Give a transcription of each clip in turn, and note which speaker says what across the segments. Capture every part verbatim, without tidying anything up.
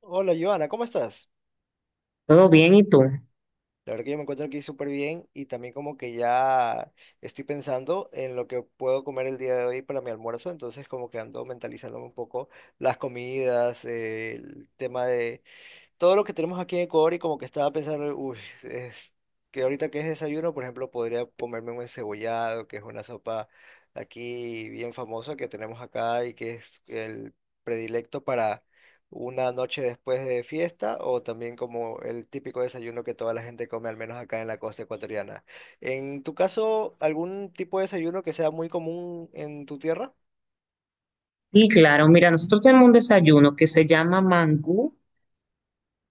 Speaker 1: Hola, Joana, ¿cómo estás?
Speaker 2: Todo bien, ¿y tú?
Speaker 1: La verdad que yo me encuentro aquí súper bien y también como que ya estoy pensando en lo que puedo comer el día de hoy para mi almuerzo, entonces como que ando mentalizándome un poco las comidas, eh, el tema de todo lo que tenemos aquí en Ecuador y como que estaba pensando, uy, es que ahorita que es desayuno, por ejemplo, podría comerme un encebollado, que es una sopa aquí bien famosa que tenemos acá y que es el predilecto para una noche después de fiesta o también como el típico desayuno que toda la gente come, al menos acá en la costa ecuatoriana. En tu caso, ¿algún tipo de desayuno que sea muy común en tu tierra?
Speaker 2: Y claro, mira, nosotros tenemos un desayuno que se llama mangú,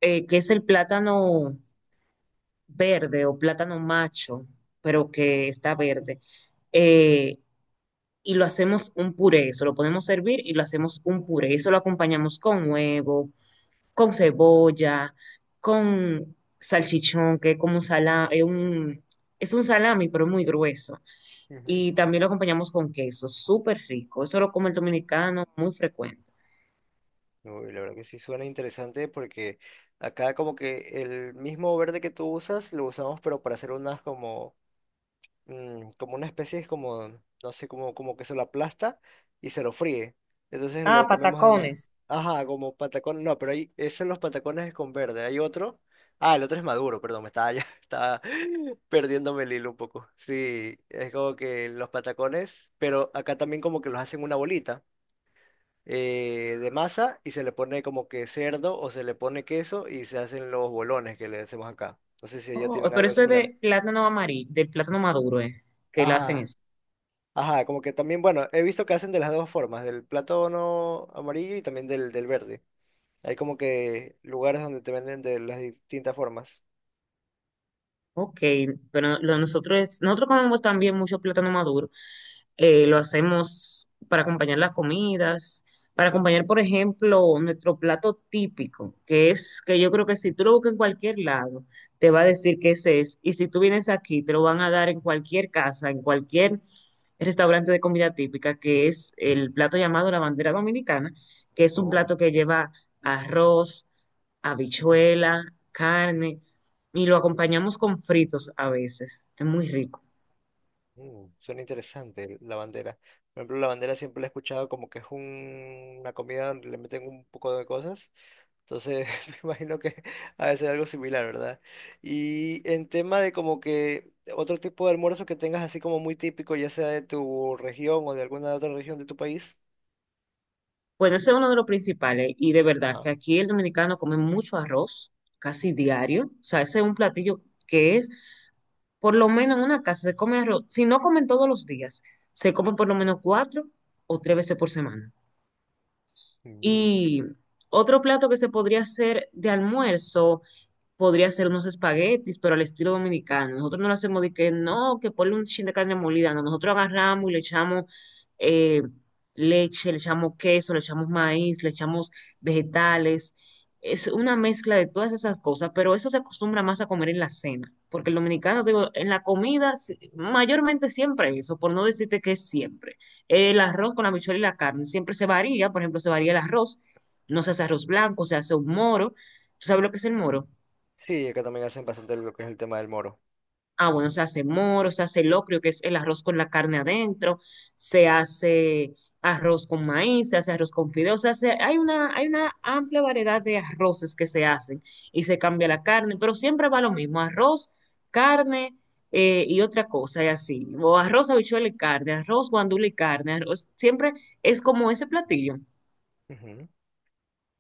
Speaker 2: eh, que es el plátano verde o plátano macho, pero que está verde. Eh, y lo hacemos un puré, eso lo podemos servir y lo hacemos un puré. Eso lo acompañamos con huevo, con cebolla, con salchichón, que es como un salami, es un, es un salami, pero muy grueso.
Speaker 1: Ujú.
Speaker 2: Y también lo acompañamos con queso, súper rico. Eso lo come el dominicano muy frecuente.
Speaker 1: Uy, la verdad que sí suena interesante porque acá como que el mismo verde que tú usas lo usamos pero para hacer unas como mm, como una especie es como no sé como como que se lo aplasta y se lo fríe. Entonces
Speaker 2: Ah,
Speaker 1: lo comemos de más.
Speaker 2: patacones.
Speaker 1: Ajá, como patacón, no, pero ahí esos son los patacones con verde. Hay otro. Ah, el otro es maduro, perdón, me estaba ya estaba perdiéndome el hilo un poco. Sí, es como que los patacones, pero acá también como que los hacen una bolita eh, de masa y se le pone como que cerdo o se le pone queso y se hacen los bolones que le hacemos acá. No sé si allá
Speaker 2: Oh,
Speaker 1: tienen
Speaker 2: pero
Speaker 1: algo
Speaker 2: eso es
Speaker 1: similar.
Speaker 2: de plátano amarillo, de plátano maduro, eh, que le hacen
Speaker 1: Ajá,
Speaker 2: eso.
Speaker 1: ajá, como que también, bueno, he visto que hacen de las dos formas, del plátano amarillo y también del, del verde. Hay como que lugares donde te venden de las distintas formas.
Speaker 2: Ok, pero lo- nosotros, nosotros comemos también mucho plátano maduro, eh, lo hacemos para acompañar las comidas, para acompañar, por ejemplo, nuestro plato típico, que es que yo creo que si tú lo buscas en cualquier lado, te va a decir que ese es. Y si tú vienes aquí, te lo van a dar en cualquier casa, en cualquier restaurante de comida típica, que es el plato llamado la bandera dominicana, que es un
Speaker 1: Oh,
Speaker 2: plato que lleva arroz, habichuela, carne, y lo acompañamos con fritos a veces. Es muy rico.
Speaker 1: mm, suena interesante la bandera. Por ejemplo, la bandera siempre la he escuchado como que es un- una comida donde le meten un poco de cosas. Entonces, me imagino que ha de ser algo similar, ¿verdad? Y en tema de como que otro tipo de almuerzo que tengas así como muy típico, ya sea de tu región o de alguna otra región de tu país.
Speaker 2: Bueno, ese es uno de los principales y de verdad
Speaker 1: Ajá.
Speaker 2: que aquí el dominicano come mucho arroz, casi diario. O sea, ese es un platillo que es, por lo menos en una casa se come arroz. Si no comen todos los días, se comen por lo menos cuatro o tres veces por semana.
Speaker 1: Mm.
Speaker 2: Y otro plato que se podría hacer de almuerzo podría hacer unos espaguetis, pero al estilo dominicano. Nosotros no lo hacemos de que no, que ponle un chin de carne molida. No, nosotros agarramos y le echamos eh, leche, le echamos queso, le echamos maíz, le echamos vegetales. Es una mezcla de todas esas cosas, pero eso se acostumbra más a comer en la cena, porque el dominicano, digo, en la comida, si- mayormente siempre eso, por no decirte que es siempre. El arroz con la habichuela y la carne siempre se varía, por ejemplo, se varía el arroz, no se hace arroz blanco, se hace un moro. ¿Tú sabes lo que es el moro?
Speaker 1: Sí, acá también hacen bastante lo que es el tema del moro.
Speaker 2: Ah, bueno, se hace moro, se hace locrio, que es el arroz con la carne adentro, se hace arroz con maíz, se hace arroz con fideos, se hace, hay una, hay una amplia variedad de arroces que se hacen y se cambia la carne, pero siempre va lo mismo, arroz, carne, eh, y otra cosa, y así, o arroz, habichuela y carne, arroz, guandula y carne, arroz, siempre es como ese platillo,
Speaker 1: Ujú.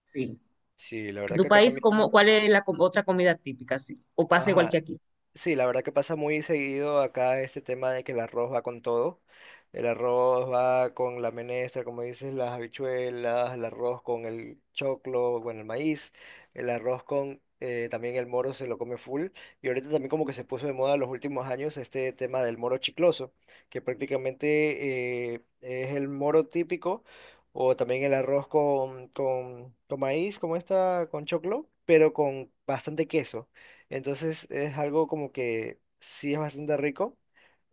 Speaker 2: sí.
Speaker 1: Sí, la
Speaker 2: ¿En
Speaker 1: verdad
Speaker 2: tu
Speaker 1: que acá
Speaker 2: país, cómo,
Speaker 1: también.
Speaker 2: cuál es la com- otra comida típica, sí? ¿O pasa igual
Speaker 1: Ajá,
Speaker 2: que aquí?
Speaker 1: sí, la verdad que pasa muy seguido acá este tema de que el arroz va con todo. El arroz va con la menestra, como dices, las habichuelas, el arroz con el choclo, bueno, el maíz, el arroz con eh, también el moro se lo come full. Y ahorita también como que se puso de moda en los últimos años este tema del moro chicloso, que prácticamente eh, es el moro típico, o también el arroz con, con, con maíz, como esta, con choclo, pero con bastante queso. Entonces es algo como que sí es bastante rico.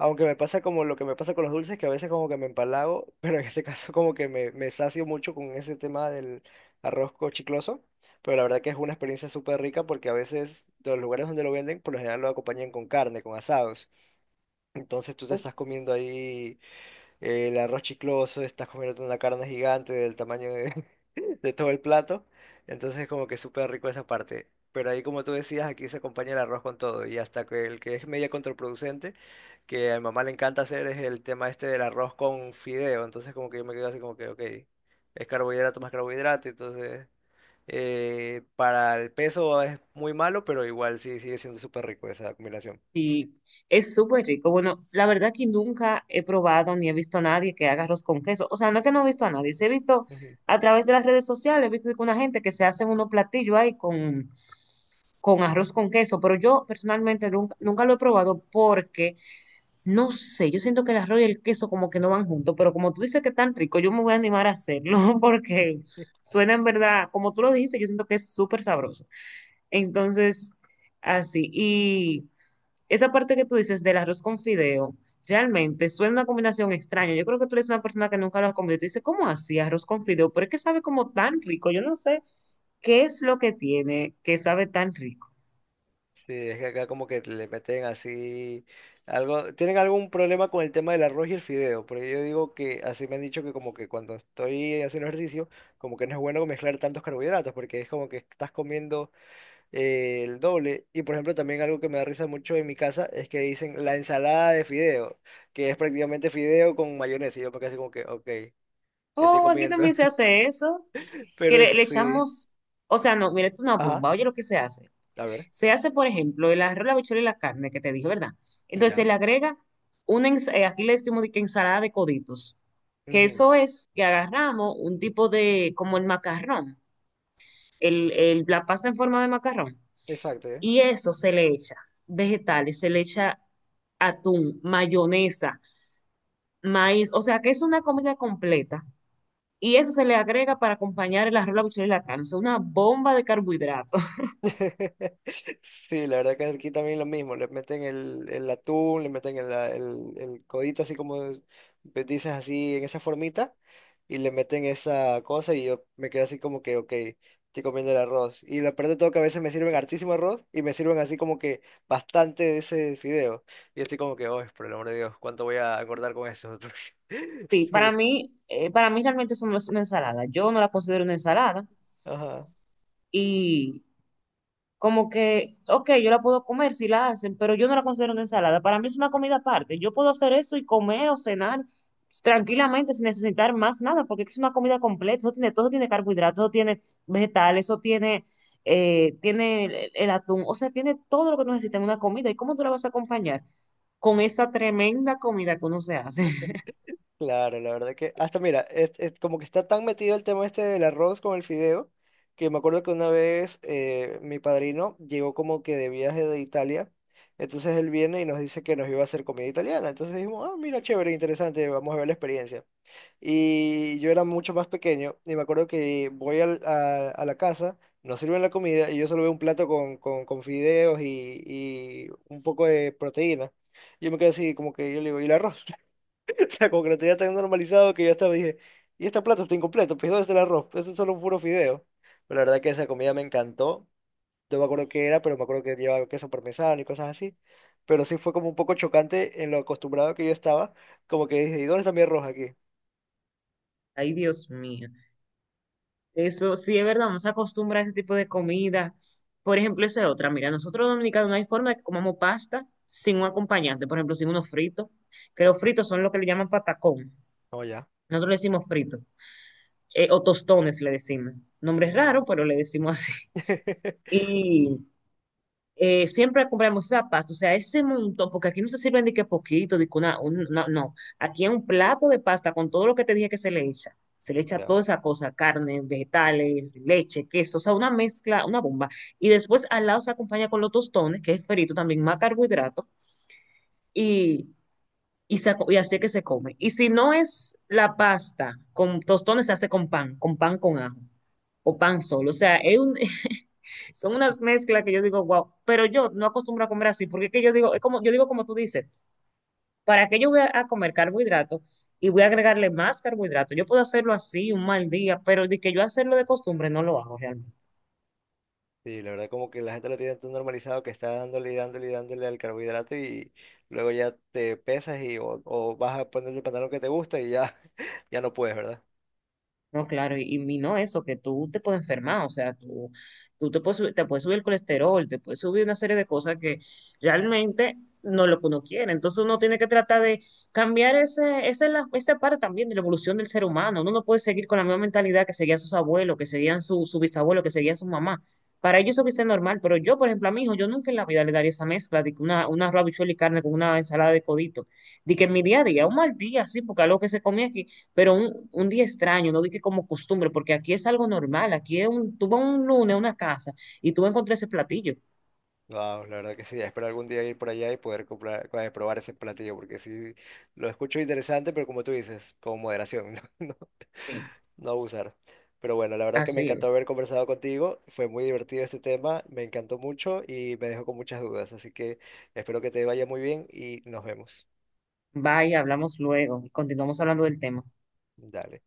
Speaker 1: Aunque me pasa como lo que me pasa con los dulces, que a veces como que me empalago, pero en este caso como que me, me sacio mucho con ese tema del arroz co- chicloso. Pero la verdad que es una experiencia súper rica porque a veces de los lugares donde lo venden, por lo general lo acompañan con carne, con asados. Entonces tú te estás comiendo ahí eh, el arroz chicloso, estás comiendo una carne gigante del tamaño de, de todo el plato. Entonces como que súper rico esa parte. Pero ahí como tú decías, aquí se acompaña el arroz con todo. Y hasta que el que es media contraproducente, que a mi mamá le encanta hacer, es el tema este del arroz con fideo. Entonces como que yo me quedo así como que, ok, es carbohidrato más carbohidrato. Entonces eh, para el peso es muy malo, pero igual sí sigue siendo súper rico esa combinación.
Speaker 2: Sí, es súper rico. Bueno, la verdad que nunca he probado ni he visto a nadie que haga arroz con queso. O sea, no es que no he visto a nadie, sí he visto a través de las redes sociales, he visto que una gente que se hace unos platillos ahí con, con arroz con queso, pero yo personalmente nunca, nunca lo he probado porque, no sé, yo siento que el arroz y el queso como que no van juntos, pero como tú dices que es tan rico, yo me voy a animar a hacerlo porque suena en verdad, como tú lo dijiste, yo siento que es súper sabroso. Entonces, así, y... Esa parte que tú dices del arroz con fideo, realmente suena una combinación extraña. Yo creo que tú eres una persona que nunca lo ha comido y te dice, ¿cómo así arroz con fideo? Pero es que sabe como tan rico. Yo no sé qué es lo que tiene que sabe tan rico.
Speaker 1: Sí, es que acá como que le meten así algo, tienen algún problema con el tema del arroz y el fideo, porque yo digo que así me han dicho que como que cuando estoy haciendo ejercicio, como que no es bueno mezclar tantos carbohidratos, porque es como que estás comiendo eh, el doble. Y por ejemplo, también algo que me da risa mucho en mi casa es que dicen la ensalada de fideo, que es prácticamente fideo con mayonesa, y yo me quedo así como que, ok, estoy
Speaker 2: Oh, aquí
Speaker 1: comiendo,
Speaker 2: también se hace eso, que
Speaker 1: pero
Speaker 2: le, le
Speaker 1: sí,
Speaker 2: echamos, o sea, no, mira, esto es una
Speaker 1: ajá,
Speaker 2: bomba. Oye, lo que se hace.
Speaker 1: a ver,
Speaker 2: Se hace, por ejemplo, el arroz, la habichuela y la carne que te dije, ¿verdad? Entonces se
Speaker 1: ya,
Speaker 2: le agrega una, ens- eh, aquí le decimos de que ensalada de coditos, que
Speaker 1: ujú,
Speaker 2: eso es que agarramos un tipo de, como el macarrón el, el- la pasta en forma de macarrón.
Speaker 1: exacto,
Speaker 2: Y eso se le echa vegetales, se le echa atún, mayonesa, maíz, o sea que es una comida completa. Y eso se le agrega para acompañar el arroz, la habichuela y la carne, es una bomba de carbohidratos.
Speaker 1: sí, la verdad que aquí también lo mismo, le meten el, el atún, le meten el, el, el codito así como es- pues, dices así en esa formita y le meten esa cosa y yo me quedo así como que, ok, estoy comiendo el arroz. Y lo peor de todo que a veces me sirven hartísimo arroz y me sirven así como que bastante de ese fideo. Y yo estoy como que, oh, por el amor de Dios, ¿cuánto voy a acordar con eso?
Speaker 2: Sí, para
Speaker 1: Sí,
Speaker 2: mí, eh, para mí realmente eso no es una ensalada. Yo no la considero una ensalada.
Speaker 1: ajá.
Speaker 2: y Como que, ok, yo la puedo comer si la hacen, pero yo no la considero una ensalada. Para mí es una comida aparte. Yo puedo hacer eso y comer o cenar tranquilamente sin necesitar más nada, porque es una comida completa. Eso tiene, todo tiene carbohidratos, eso tiene vegetales, eso tiene, eh, tiene el, el atún. O sea, tiene todo lo que uno necesita en una comida. ¿Y cómo tú la vas a acompañar? Con esa tremenda comida que uno se hace.
Speaker 1: Claro, la verdad que hasta mira, es, es como que está tan metido el tema este del arroz con el fideo, que me acuerdo que una vez eh, mi padrino llegó como que de viaje de Italia, entonces él viene y nos dice que nos iba a hacer comida italiana, entonces dijimos, ah, mira, chévere, interesante, vamos a ver la experiencia. Y yo era mucho más pequeño y me acuerdo que voy al- a, a la casa, nos sirven la comida y yo solo veo un plato con, con, con fideos y, y un poco de proteína. Yo me quedé así como que yo le digo, ¿y el arroz? O sea, como que lo tenía tan normalizado que yo hasta me dije, y esta plata está incompleta, pues ¿dónde está el arroz? Eso es solo un puro fideo. Pero la verdad que esa comida me encantó. No me acuerdo qué era, pero me acuerdo que llevaba queso parmesano y cosas así. Pero sí fue como un poco chocante en lo acostumbrado que yo estaba. Como que dije, ¿y dónde está mi arroz aquí?
Speaker 2: Ay, Dios mío. Eso sí es verdad, nos acostumbra a ese tipo de comida. Por ejemplo, esa es otra. Mira, nosotros los dominicanos no hay forma de que comamos pasta sin un acompañante, por ejemplo, sin unos fritos, que los fritos son lo que le llaman patacón.
Speaker 1: No, ya.
Speaker 2: Nosotros le decimos frito, eh, o tostones le decimos. Nombre es raro,
Speaker 1: Mm.
Speaker 2: pero le decimos así. Y eh, siempre compramos esa pasta, o sea, ese montón, porque aquí no se sirven de que poquito, de que una, un- no, no, aquí es un plato de pasta con todo lo que te dije que se le echa, se le echa
Speaker 1: Ya.
Speaker 2: toda esa cosa, carne, vegetales, leche, queso, o sea, una mezcla, una bomba, y después al lado se acompaña con los tostones, que es frito también, más carbohidrato, y, y, se aco- y así es que se come. Y si no es la pasta, con tostones se hace con pan, con pan con ajo, o pan solo, o sea, es un, son unas mezclas que yo digo, wow, pero yo no acostumbro a comer así, porque es que yo digo, es como, yo digo como tú dices, ¿para qué yo voy a, a comer carbohidratos y voy a agregarle más carbohidratos? Yo puedo hacerlo así un mal día, pero de que yo hacerlo de costumbre no lo hago realmente.
Speaker 1: Sí, la verdad como que la gente lo tiene tan normalizado que está dándole y dándole y dándole al carbohidrato y luego ya te pesas y o, o vas a ponerte el pantalón que te gusta y ya, ya no puedes, ¿verdad?
Speaker 2: No, claro, y, y no eso, que tú te puedes enfermar, o sea, tú, tú te puedes, subir- te puedes subir el colesterol, te puedes subir una serie de cosas que realmente no es lo que uno quiere. Entonces uno tiene que tratar de cambiar ese, esa, es la- esa parte también de la evolución del ser humano. Uno no puede seguir con la misma mentalidad que seguían sus abuelos, que seguían su, su bisabuelo, que seguía su mamá. Para ellos eso quizás es normal, pero yo, por ejemplo, a mi hijo, yo nunca en la vida le daría esa mezcla de que una, una arroz, habichuela y carne con una ensalada de codito. De que en mi día a día, un mal día, sí, porque algo que se comía aquí pero un, un día extraño, no dije como costumbre, porque aquí es algo normal, aquí es un, tú vas un lunes a una casa y tú encontrás ese platillo.
Speaker 1: Wow, la verdad que sí. Espero algún día ir por allá y poder comprar, eh, probar ese platillo, porque sí lo escucho interesante, pero como tú dices, con moderación, no, no,
Speaker 2: Sí,
Speaker 1: no abusar. Pero bueno, la verdad que me
Speaker 2: así
Speaker 1: encantó
Speaker 2: es.
Speaker 1: haber conversado contigo. Fue muy divertido este tema, me encantó mucho y me dejó con muchas dudas. Así que espero que te vaya muy bien y nos vemos.
Speaker 2: Bye, hablamos luego y continuamos hablando del tema.
Speaker 1: Dale.